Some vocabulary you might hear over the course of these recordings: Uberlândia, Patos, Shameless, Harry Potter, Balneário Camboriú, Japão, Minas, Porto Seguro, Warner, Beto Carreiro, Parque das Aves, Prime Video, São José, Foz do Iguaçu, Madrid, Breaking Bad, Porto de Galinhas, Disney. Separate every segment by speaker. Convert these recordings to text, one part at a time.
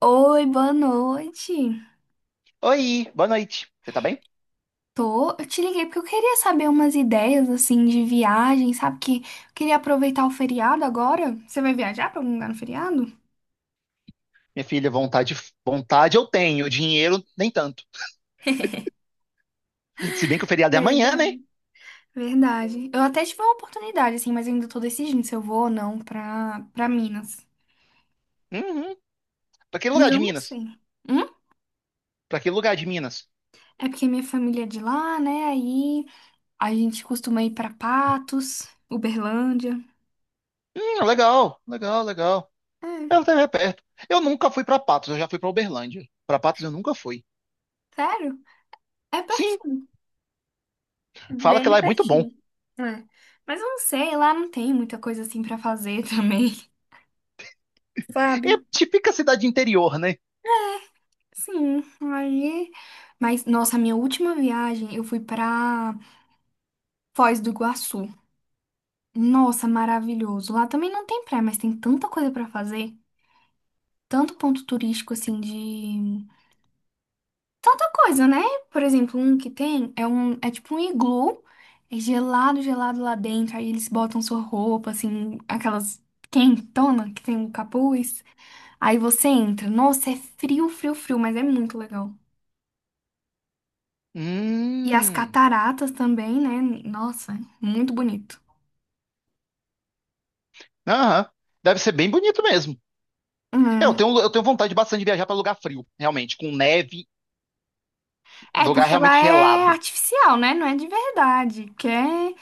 Speaker 1: Oi, boa noite.
Speaker 2: Oi, boa noite. Você tá bem?
Speaker 1: Tô, eu te liguei porque eu queria saber umas ideias assim de viagem, sabe? Que eu queria aproveitar o feriado agora. Você vai viajar pra algum lugar no feriado?
Speaker 2: Minha filha, vontade eu tenho, dinheiro nem tanto. Se bem que o feriado é amanhã, né?
Speaker 1: Verdade. Verdade. Eu até tive uma oportunidade assim, mas eu ainda tô decidindo se eu vou ou não pra para Minas.
Speaker 2: Uhum. Pra que
Speaker 1: Mas
Speaker 2: lugar de
Speaker 1: eu não
Speaker 2: Minas?
Speaker 1: sei. Hum?
Speaker 2: Pra que lugar de Minas?
Speaker 1: É porque minha família é de lá, né? Aí a gente costuma ir pra Patos, Uberlândia.
Speaker 2: Legal, legal, legal.
Speaker 1: É,
Speaker 2: Ela tá perto. Eu nunca fui pra Patos, eu já fui pra Uberlândia. Pra Patos eu nunca fui.
Speaker 1: sério? É
Speaker 2: Sim,
Speaker 1: pertinho.
Speaker 2: fala que
Speaker 1: Bem
Speaker 2: lá é muito bom.
Speaker 1: pertinho. É. Mas eu não sei, lá não tem muita coisa assim pra fazer também, sabe?
Speaker 2: É típica cidade interior, né?
Speaker 1: Sim, aí. Mas, nossa, a minha última viagem eu fui pra Foz do Iguaçu. Nossa, maravilhoso. Lá também não tem praia, mas tem tanta coisa pra fazer. Tanto ponto turístico assim de. Tanta coisa, né? Por exemplo, um que tem é um. É tipo um iglu. É gelado, gelado lá dentro. Aí eles botam sua roupa, assim, aquelas quentona que tem o capuz. Aí você entra. Nossa, é frio, frio, frio, mas é muito legal. E as
Speaker 2: Hum,
Speaker 1: cataratas também, né? Nossa, é muito bonito.
Speaker 2: aham. Deve ser bem bonito mesmo. Eu
Speaker 1: Hum.
Speaker 2: tenho, eu tenho vontade bastante de viajar pra lugar frio, realmente, com neve,
Speaker 1: É,
Speaker 2: lugar
Speaker 1: porque
Speaker 2: realmente
Speaker 1: lá é
Speaker 2: gelado.
Speaker 1: artificial, né? Não é de verdade. Que é.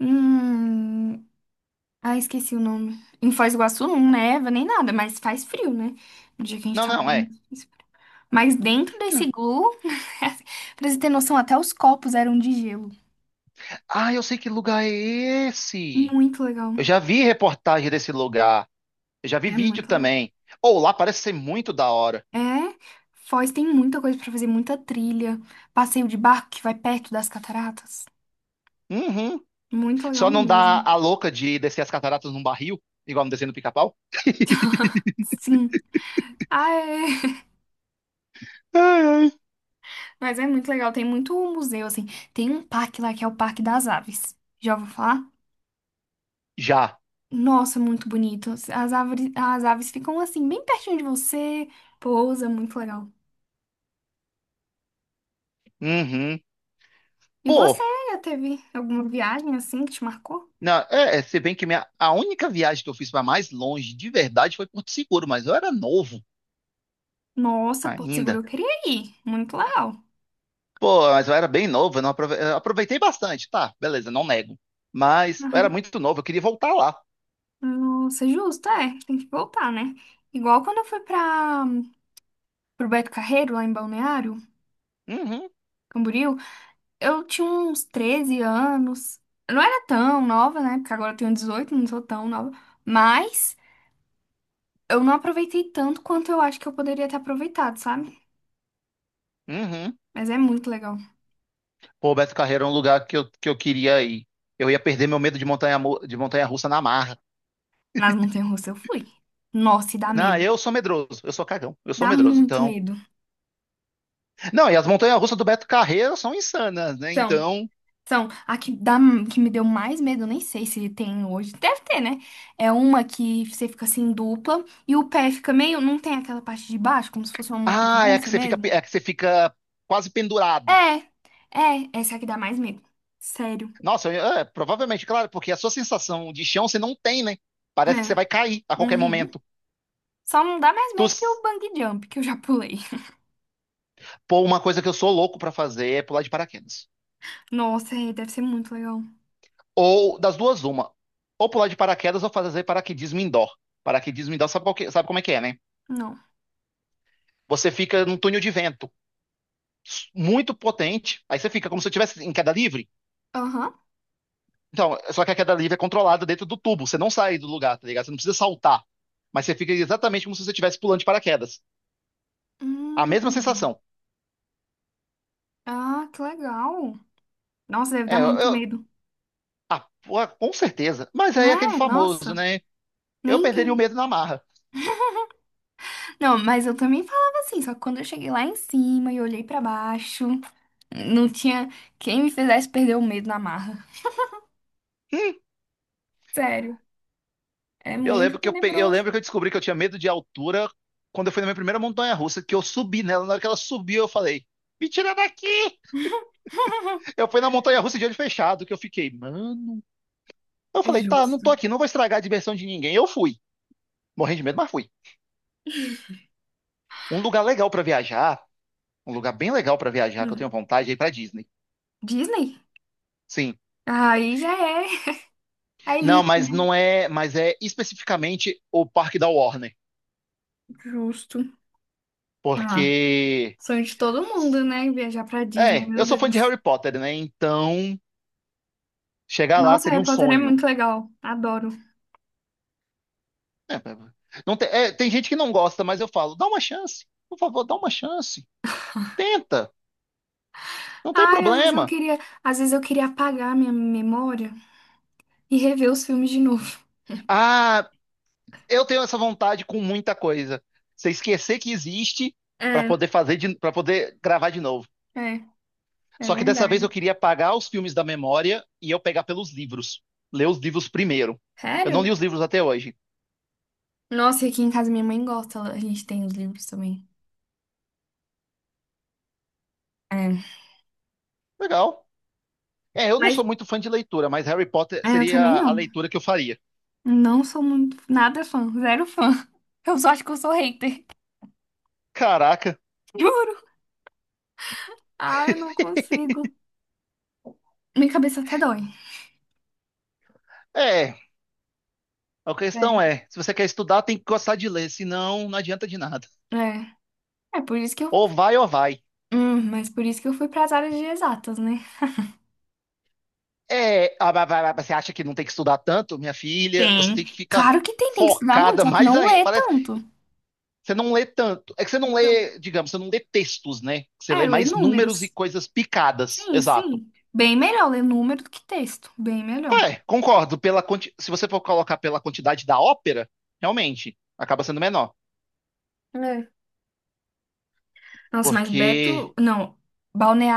Speaker 1: Hum... Ah, esqueci o nome. Em Foz do Iguaçu não neva nem nada, mas faz frio, né? No dia que a gente
Speaker 2: Não,
Speaker 1: tava lá.
Speaker 2: não, é.
Speaker 1: Muito frio. Mas dentro desse iglu, pra você ter noção, até os copos eram de gelo.
Speaker 2: Ah, eu sei que lugar é esse.
Speaker 1: Muito legal.
Speaker 2: Eu já vi reportagem desse lugar. Eu já vi
Speaker 1: É
Speaker 2: vídeo
Speaker 1: muito legal.
Speaker 2: também. Ou lá parece ser muito da hora.
Speaker 1: É, Foz tem muita coisa pra fazer, muita trilha, passeio de barco que vai perto das cataratas.
Speaker 2: Uhum.
Speaker 1: Muito
Speaker 2: Só
Speaker 1: legal
Speaker 2: não dá
Speaker 1: mesmo.
Speaker 2: a louca de descer as cataratas num barril, igual no desenho do Pica-Pau?
Speaker 1: Sim. Ah, é.
Speaker 2: Ai, ai.
Speaker 1: Mas é muito legal, tem muito museu assim. Tem um parque lá que é o Parque das Aves. Já ouviu falar?
Speaker 2: Já.
Speaker 1: Nossa, muito bonito. As árvores, as aves ficam assim bem pertinho de você, pousa, muito legal.
Speaker 2: Uhum.
Speaker 1: E
Speaker 2: Pô,
Speaker 1: você já teve alguma viagem assim que te marcou?
Speaker 2: não, é, é, se bem que minha, a única viagem que eu fiz para mais longe, de verdade, foi Porto Seguro, mas eu era novo
Speaker 1: Nossa, Porto Seguro eu
Speaker 2: ainda.
Speaker 1: queria ir. Muito legal.
Speaker 2: Pô, mas eu era bem novo, eu aproveitei bastante, tá, beleza, não nego. Mas eu era muito novo, eu queria voltar lá.
Speaker 1: Nossa, justo, é, tem que voltar, né? Igual quando eu fui para pro Beto Carreiro, lá em Balneário,
Speaker 2: Uhum,
Speaker 1: Camboriú, eu tinha uns 13 anos. Eu não era tão nova, né? Porque agora eu tenho 18, não sou tão nova. Mas eu não aproveitei tanto quanto eu acho que eu poderia ter aproveitado, sabe?
Speaker 2: uhum.
Speaker 1: Mas é muito legal.
Speaker 2: Pô, Beto Carreiro é um lugar que eu queria ir. Eu ia perder meu medo de montanha, de montanha russa na marra.
Speaker 1: Nas montanhas-russas eu fui. Nossa, e dá
Speaker 2: Não,
Speaker 1: medo.
Speaker 2: eu sou medroso, eu sou cagão, eu sou
Speaker 1: Dá
Speaker 2: medroso.
Speaker 1: muito
Speaker 2: Então,
Speaker 1: medo.
Speaker 2: não, e as montanhas russas do Beto Carreiro são insanas, né?
Speaker 1: Então,
Speaker 2: Então,
Speaker 1: são, a que, dá, que me deu mais medo, nem sei se tem hoje, deve ter, né? É uma que você fica assim dupla e o pé fica meio, não tem aquela parte de baixo, como se fosse uma montanha
Speaker 2: ah, é que
Speaker 1: russa
Speaker 2: você fica, pe-
Speaker 1: mesmo?
Speaker 2: é que você fica quase pendurado.
Speaker 1: É, essa que dá mais medo. Sério.
Speaker 2: É, provavelmente, claro, porque a sua sensação de chão você não tem, né? Parece que você
Speaker 1: É.
Speaker 2: vai cair a qualquer
Speaker 1: Uhum.
Speaker 2: momento.
Speaker 1: Só não dá mais
Speaker 2: Tu,
Speaker 1: medo que o
Speaker 2: s-
Speaker 1: bungee jump, que eu já pulei.
Speaker 2: pô, uma coisa que eu sou louco pra fazer é pular de paraquedas.
Speaker 1: Nossa, é, deve ser muito legal.
Speaker 2: Ou das duas, uma. Ou pular de paraquedas ou fazer paraquedismo indoor. Paraquedismo indoor, sabe, sabe como é que é, né?
Speaker 1: Não.
Speaker 2: Você fica num túnel de vento muito potente, aí você fica como se você estivesse em queda livre.
Speaker 1: Aham.
Speaker 2: Então, só que a queda livre é controlada dentro do tubo, você não sai do lugar, tá ligado? Você não precisa saltar, mas você fica exatamente como se você estivesse pulando de paraquedas. A mesma
Speaker 1: Hum.
Speaker 2: sensação.
Speaker 1: Ah, que legal. Nossa, deve dar
Speaker 2: É,
Speaker 1: muito medo.
Speaker 2: ah, pô, com certeza. Mas aí é aquele
Speaker 1: É,
Speaker 2: famoso,
Speaker 1: nossa.
Speaker 2: né? Eu
Speaker 1: Nem
Speaker 2: perderia o
Speaker 1: que.
Speaker 2: medo na marra.
Speaker 1: Não, mas eu também falava assim, só que quando eu cheguei lá em cima e olhei pra baixo, não tinha quem me fizesse perder o medo na marra. Sério, é
Speaker 2: Eu
Speaker 1: muito
Speaker 2: lembro que eu, eu
Speaker 1: tenebroso.
Speaker 2: lembro que eu descobri que eu tinha medo de altura quando eu fui na minha primeira montanha-russa, que eu subi nela. Na hora que ela subiu, eu falei, me tira daqui! Eu fui na montanha-russa de olho fechado, que eu fiquei, mano. Eu
Speaker 1: É
Speaker 2: falei, tá, não
Speaker 1: justo.
Speaker 2: tô aqui, não vou estragar a diversão de ninguém. Eu fui. Morri de medo, mas fui. Um lugar legal pra viajar, um lugar bem legal pra viajar, que eu
Speaker 1: Hum.
Speaker 2: tenho vontade, é ir pra Disney.
Speaker 1: Disney?
Speaker 2: Sim.
Speaker 1: Aí já é a
Speaker 2: Não,
Speaker 1: elite,
Speaker 2: mas
Speaker 1: né?
Speaker 2: não é, mas é especificamente o parque da Warner.
Speaker 1: Justo. Ah,
Speaker 2: Porque.
Speaker 1: sonho de todo mundo, né? Viajar pra Disney,
Speaker 2: É, eu
Speaker 1: meu
Speaker 2: sou fã de
Speaker 1: Deus.
Speaker 2: Harry Potter, né? Então, chegar lá
Speaker 1: Nossa,
Speaker 2: seria
Speaker 1: Harry
Speaker 2: um
Speaker 1: Potter é
Speaker 2: sonho.
Speaker 1: muito legal. Adoro.
Speaker 2: Não tem, é, tem gente que não gosta, mas eu falo, dá uma chance, por favor, dá uma chance. Tenta, não tem
Speaker 1: Ai, às vezes eu
Speaker 2: problema.
Speaker 1: queria, às vezes eu queria apagar minha memória e rever os filmes de novo.
Speaker 2: Ah, eu tenho essa vontade com muita coisa. Você esquecer que existe para
Speaker 1: É,
Speaker 2: poder fazer para poder gravar de novo.
Speaker 1: é, é
Speaker 2: Só que dessa vez eu
Speaker 1: verdade.
Speaker 2: queria apagar os filmes da memória e eu pegar pelos livros. Ler os livros primeiro. Eu não
Speaker 1: Sério?
Speaker 2: li os livros até hoje.
Speaker 1: Nossa, e aqui em casa minha mãe gosta, ela- a gente tem os livros também. É.
Speaker 2: Legal. É, eu não
Speaker 1: Mas
Speaker 2: sou muito fã de leitura, mas Harry Potter
Speaker 1: é, eu também
Speaker 2: seria a
Speaker 1: não.
Speaker 2: leitura que eu faria.
Speaker 1: Não sou muito, nada fã, zero fã. Eu só acho que eu sou hater.
Speaker 2: Caraca.
Speaker 1: Juro. Ai, eu não consigo. Minha cabeça até dói.
Speaker 2: É, a questão
Speaker 1: Sério.
Speaker 2: é, se você quer estudar, tem que gostar de ler, senão não adianta de nada.
Speaker 1: É. É por isso que eu.
Speaker 2: Ou vai ou vai.
Speaker 1: Mas por isso que eu fui para as áreas de exatas, né?
Speaker 2: É, ah, vai, você acha que não tem que estudar tanto, minha filha? Você tem
Speaker 1: Tem.
Speaker 2: que ficar
Speaker 1: Claro que tem, tem que estudar muito,
Speaker 2: focada
Speaker 1: só que
Speaker 2: mais
Speaker 1: não
Speaker 2: ainda.
Speaker 1: lê
Speaker 2: Parece, que
Speaker 1: tanto.
Speaker 2: você não lê tanto. É que você não
Speaker 1: Então,
Speaker 2: lê, digamos, você não lê textos, né? Você lê
Speaker 1: é, ler
Speaker 2: mais números e
Speaker 1: números.
Speaker 2: coisas picadas.
Speaker 1: Sim,
Speaker 2: Exato.
Speaker 1: sim. Bem melhor ler número do que texto. Bem melhor.
Speaker 2: É, concordo. Se você for colocar pela quantidade da ópera, realmente acaba sendo menor.
Speaker 1: Nossa, mas Beto,
Speaker 2: Porque.
Speaker 1: não,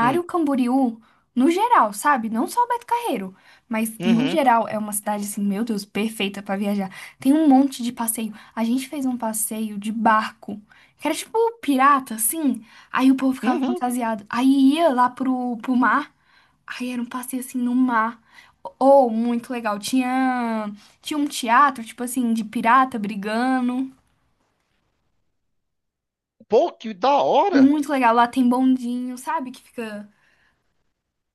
Speaker 2: Hum,
Speaker 1: Camboriú, no geral, sabe? Não só Beto Carreiro, mas no
Speaker 2: uhum,
Speaker 1: geral é uma cidade assim, meu Deus, perfeita pra viajar. Tem um monte de passeio. A gente fez um passeio de barco, que era tipo pirata, assim. Aí o povo ficava
Speaker 2: uhum.
Speaker 1: fantasiado. Aí ia lá pro mar, aí era um passeio assim no mar. Ou muito legal. Tinha um teatro, tipo assim, de pirata brigando.
Speaker 2: Pô, que da hora!
Speaker 1: Muito legal. Lá tem bondinho, sabe? Que fica.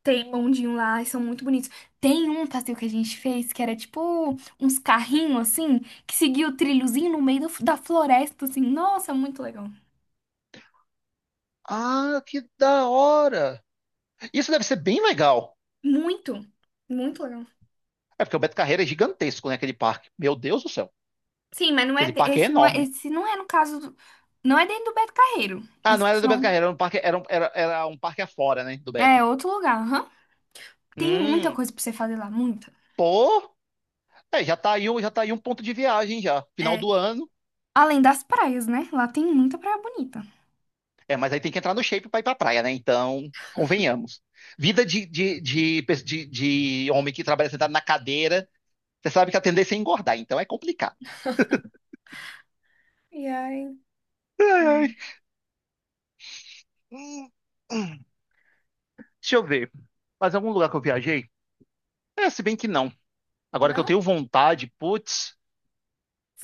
Speaker 1: Tem um bondinho lá, e são muito bonitos. Tem um passeio que a gente fez que era tipo uns carrinhos assim, que seguia o trilhozinho no meio do- da floresta, assim. Nossa, muito legal.
Speaker 2: Ah, que da hora! Isso deve ser bem legal.
Speaker 1: Muito, muito legal.
Speaker 2: É porque o Beto Carreira é gigantesco, né? Aquele parque. Meu Deus do céu.
Speaker 1: Sim, mas não é
Speaker 2: Aquele
Speaker 1: de-
Speaker 2: parque é enorme.
Speaker 1: esse não é no caso do, não é dentro do Beto Carreiro.
Speaker 2: Ah,
Speaker 1: Isso
Speaker 2: não era do Beto
Speaker 1: são
Speaker 2: Carreira, era um parque, era um parque afora, né? Do
Speaker 1: é
Speaker 2: Beto.
Speaker 1: outro lugar, aham. Tem muita
Speaker 2: Hum,
Speaker 1: coisa pra você fazer lá, muita.
Speaker 2: pô. É, já tá aí, já tá aí um ponto de viagem já.
Speaker 1: É,
Speaker 2: Final do ano.
Speaker 1: além das praias, né? Lá tem muita praia bonita.
Speaker 2: É, mas aí tem que entrar no shape pra ir pra praia, né? Então, convenhamos. Vida de, de homem que trabalha sentado na cadeira, você sabe que a tendência é engordar, então é complicado.
Speaker 1: E aí,
Speaker 2: Ai, ai.
Speaker 1: é.
Speaker 2: Hum, deixa eu ver. Mas algum lugar que eu viajei? É, se bem que não. Agora que eu
Speaker 1: Não?
Speaker 2: tenho vontade, putz,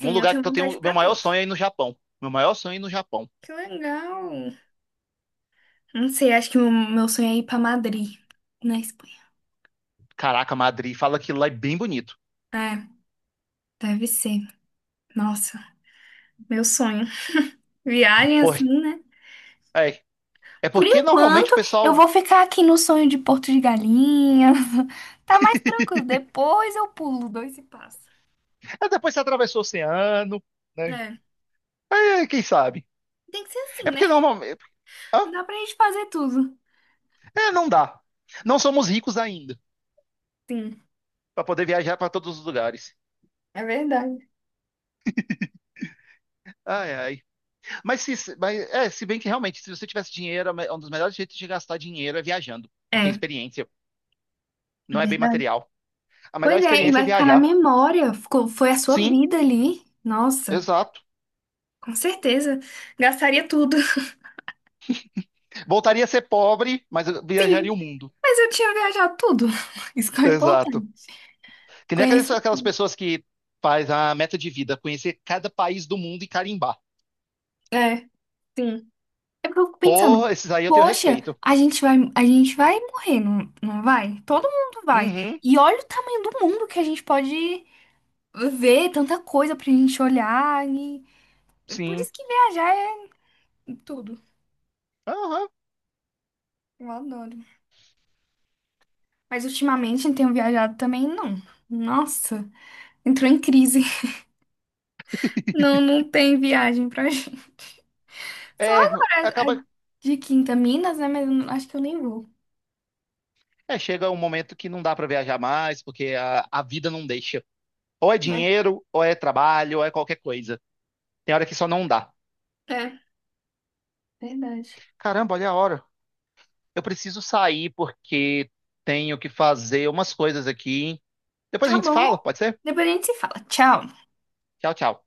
Speaker 2: um
Speaker 1: eu
Speaker 2: lugar
Speaker 1: tenho
Speaker 2: que eu
Speaker 1: vontade
Speaker 2: tenho. Meu
Speaker 1: pra
Speaker 2: maior
Speaker 1: todos.
Speaker 2: sonho é ir no Japão. Meu maior sonho é ir no Japão.
Speaker 1: Que legal. Não sei, acho que o meu sonho é ir pra Madrid, na Espanha.
Speaker 2: Caraca, Madrid, fala que lá é bem bonito.
Speaker 1: É, deve ser. Nossa, meu sonho. Viagem
Speaker 2: Por,
Speaker 1: assim, né?
Speaker 2: é, é
Speaker 1: Por
Speaker 2: porque normalmente o
Speaker 1: enquanto, eu
Speaker 2: pessoal.
Speaker 1: vou ficar aqui no sonho de Porto de Galinhas. Tá mais tranquilo. Depois eu pulo dois e passo.
Speaker 2: É, depois você atravessou o oceano, né?
Speaker 1: É,
Speaker 2: É, quem sabe?
Speaker 1: tem que ser assim,
Speaker 2: É
Speaker 1: né?
Speaker 2: porque normalmente. Hã?
Speaker 1: Não dá pra gente fazer tudo.
Speaker 2: É, não dá. Não somos ricos ainda
Speaker 1: Sim,
Speaker 2: para poder viajar para todos os lugares.
Speaker 1: é verdade.
Speaker 2: Ai, ai. Mas, se, mas é, se bem que realmente, se você tivesse dinheiro, é um dos melhores jeitos de gastar dinheiro é viajando. Porque a
Speaker 1: É,
Speaker 2: experiência
Speaker 1: é
Speaker 2: não é bem
Speaker 1: verdade.
Speaker 2: material. A melhor
Speaker 1: Pois é, e
Speaker 2: experiência é
Speaker 1: vai ficar na
Speaker 2: viajar.
Speaker 1: memória. Ficou, foi a sua
Speaker 2: Sim,
Speaker 1: vida ali. Nossa,
Speaker 2: exato.
Speaker 1: com certeza. Gastaria tudo.
Speaker 2: Voltaria a ser pobre, mas
Speaker 1: Sim.
Speaker 2: viajaria o mundo.
Speaker 1: Mas eu tinha viajado tudo. Isso que é o
Speaker 2: Exato.
Speaker 1: importante.
Speaker 2: Que nem aquelas,
Speaker 1: Conheci
Speaker 2: aquelas
Speaker 1: tudo.
Speaker 2: pessoas que faz a meta de vida, conhecer cada país do mundo e carimbar.
Speaker 1: É, sim. É porque eu fico pensando,
Speaker 2: Pô, esses aí eu tenho
Speaker 1: poxa,
Speaker 2: respeito.
Speaker 1: a gente vai morrer, não vai? Todo mundo vai.
Speaker 2: Uhum,
Speaker 1: E olha o tamanho do mundo que a gente pode ver, tanta coisa pra gente olhar. E... Por
Speaker 2: sim.
Speaker 1: isso que viajar é tudo.
Speaker 2: Aham.
Speaker 1: Eu adoro. Mas ultimamente eu não tenho viajado também, não. Nossa, entrou em crise. Não, não tem viagem pra gente. Só
Speaker 2: É,
Speaker 1: agora, a-
Speaker 2: acaba.
Speaker 1: de Quinta, Minas, né? Mas eu não- acho que eu nem vou.
Speaker 2: É, chega um momento que não dá pra viajar mais, porque a vida não deixa. Ou é
Speaker 1: É,
Speaker 2: dinheiro, ou é trabalho, ou é qualquer coisa. Tem hora que só não dá.
Speaker 1: é, verdade.
Speaker 2: Caramba, olha a hora. Eu preciso sair porque tenho que fazer umas coisas aqui. Depois a
Speaker 1: Tá
Speaker 2: gente se
Speaker 1: bom.
Speaker 2: fala, pode ser?
Speaker 1: Depois a gente se fala. Tchau.
Speaker 2: Tchau, tchau.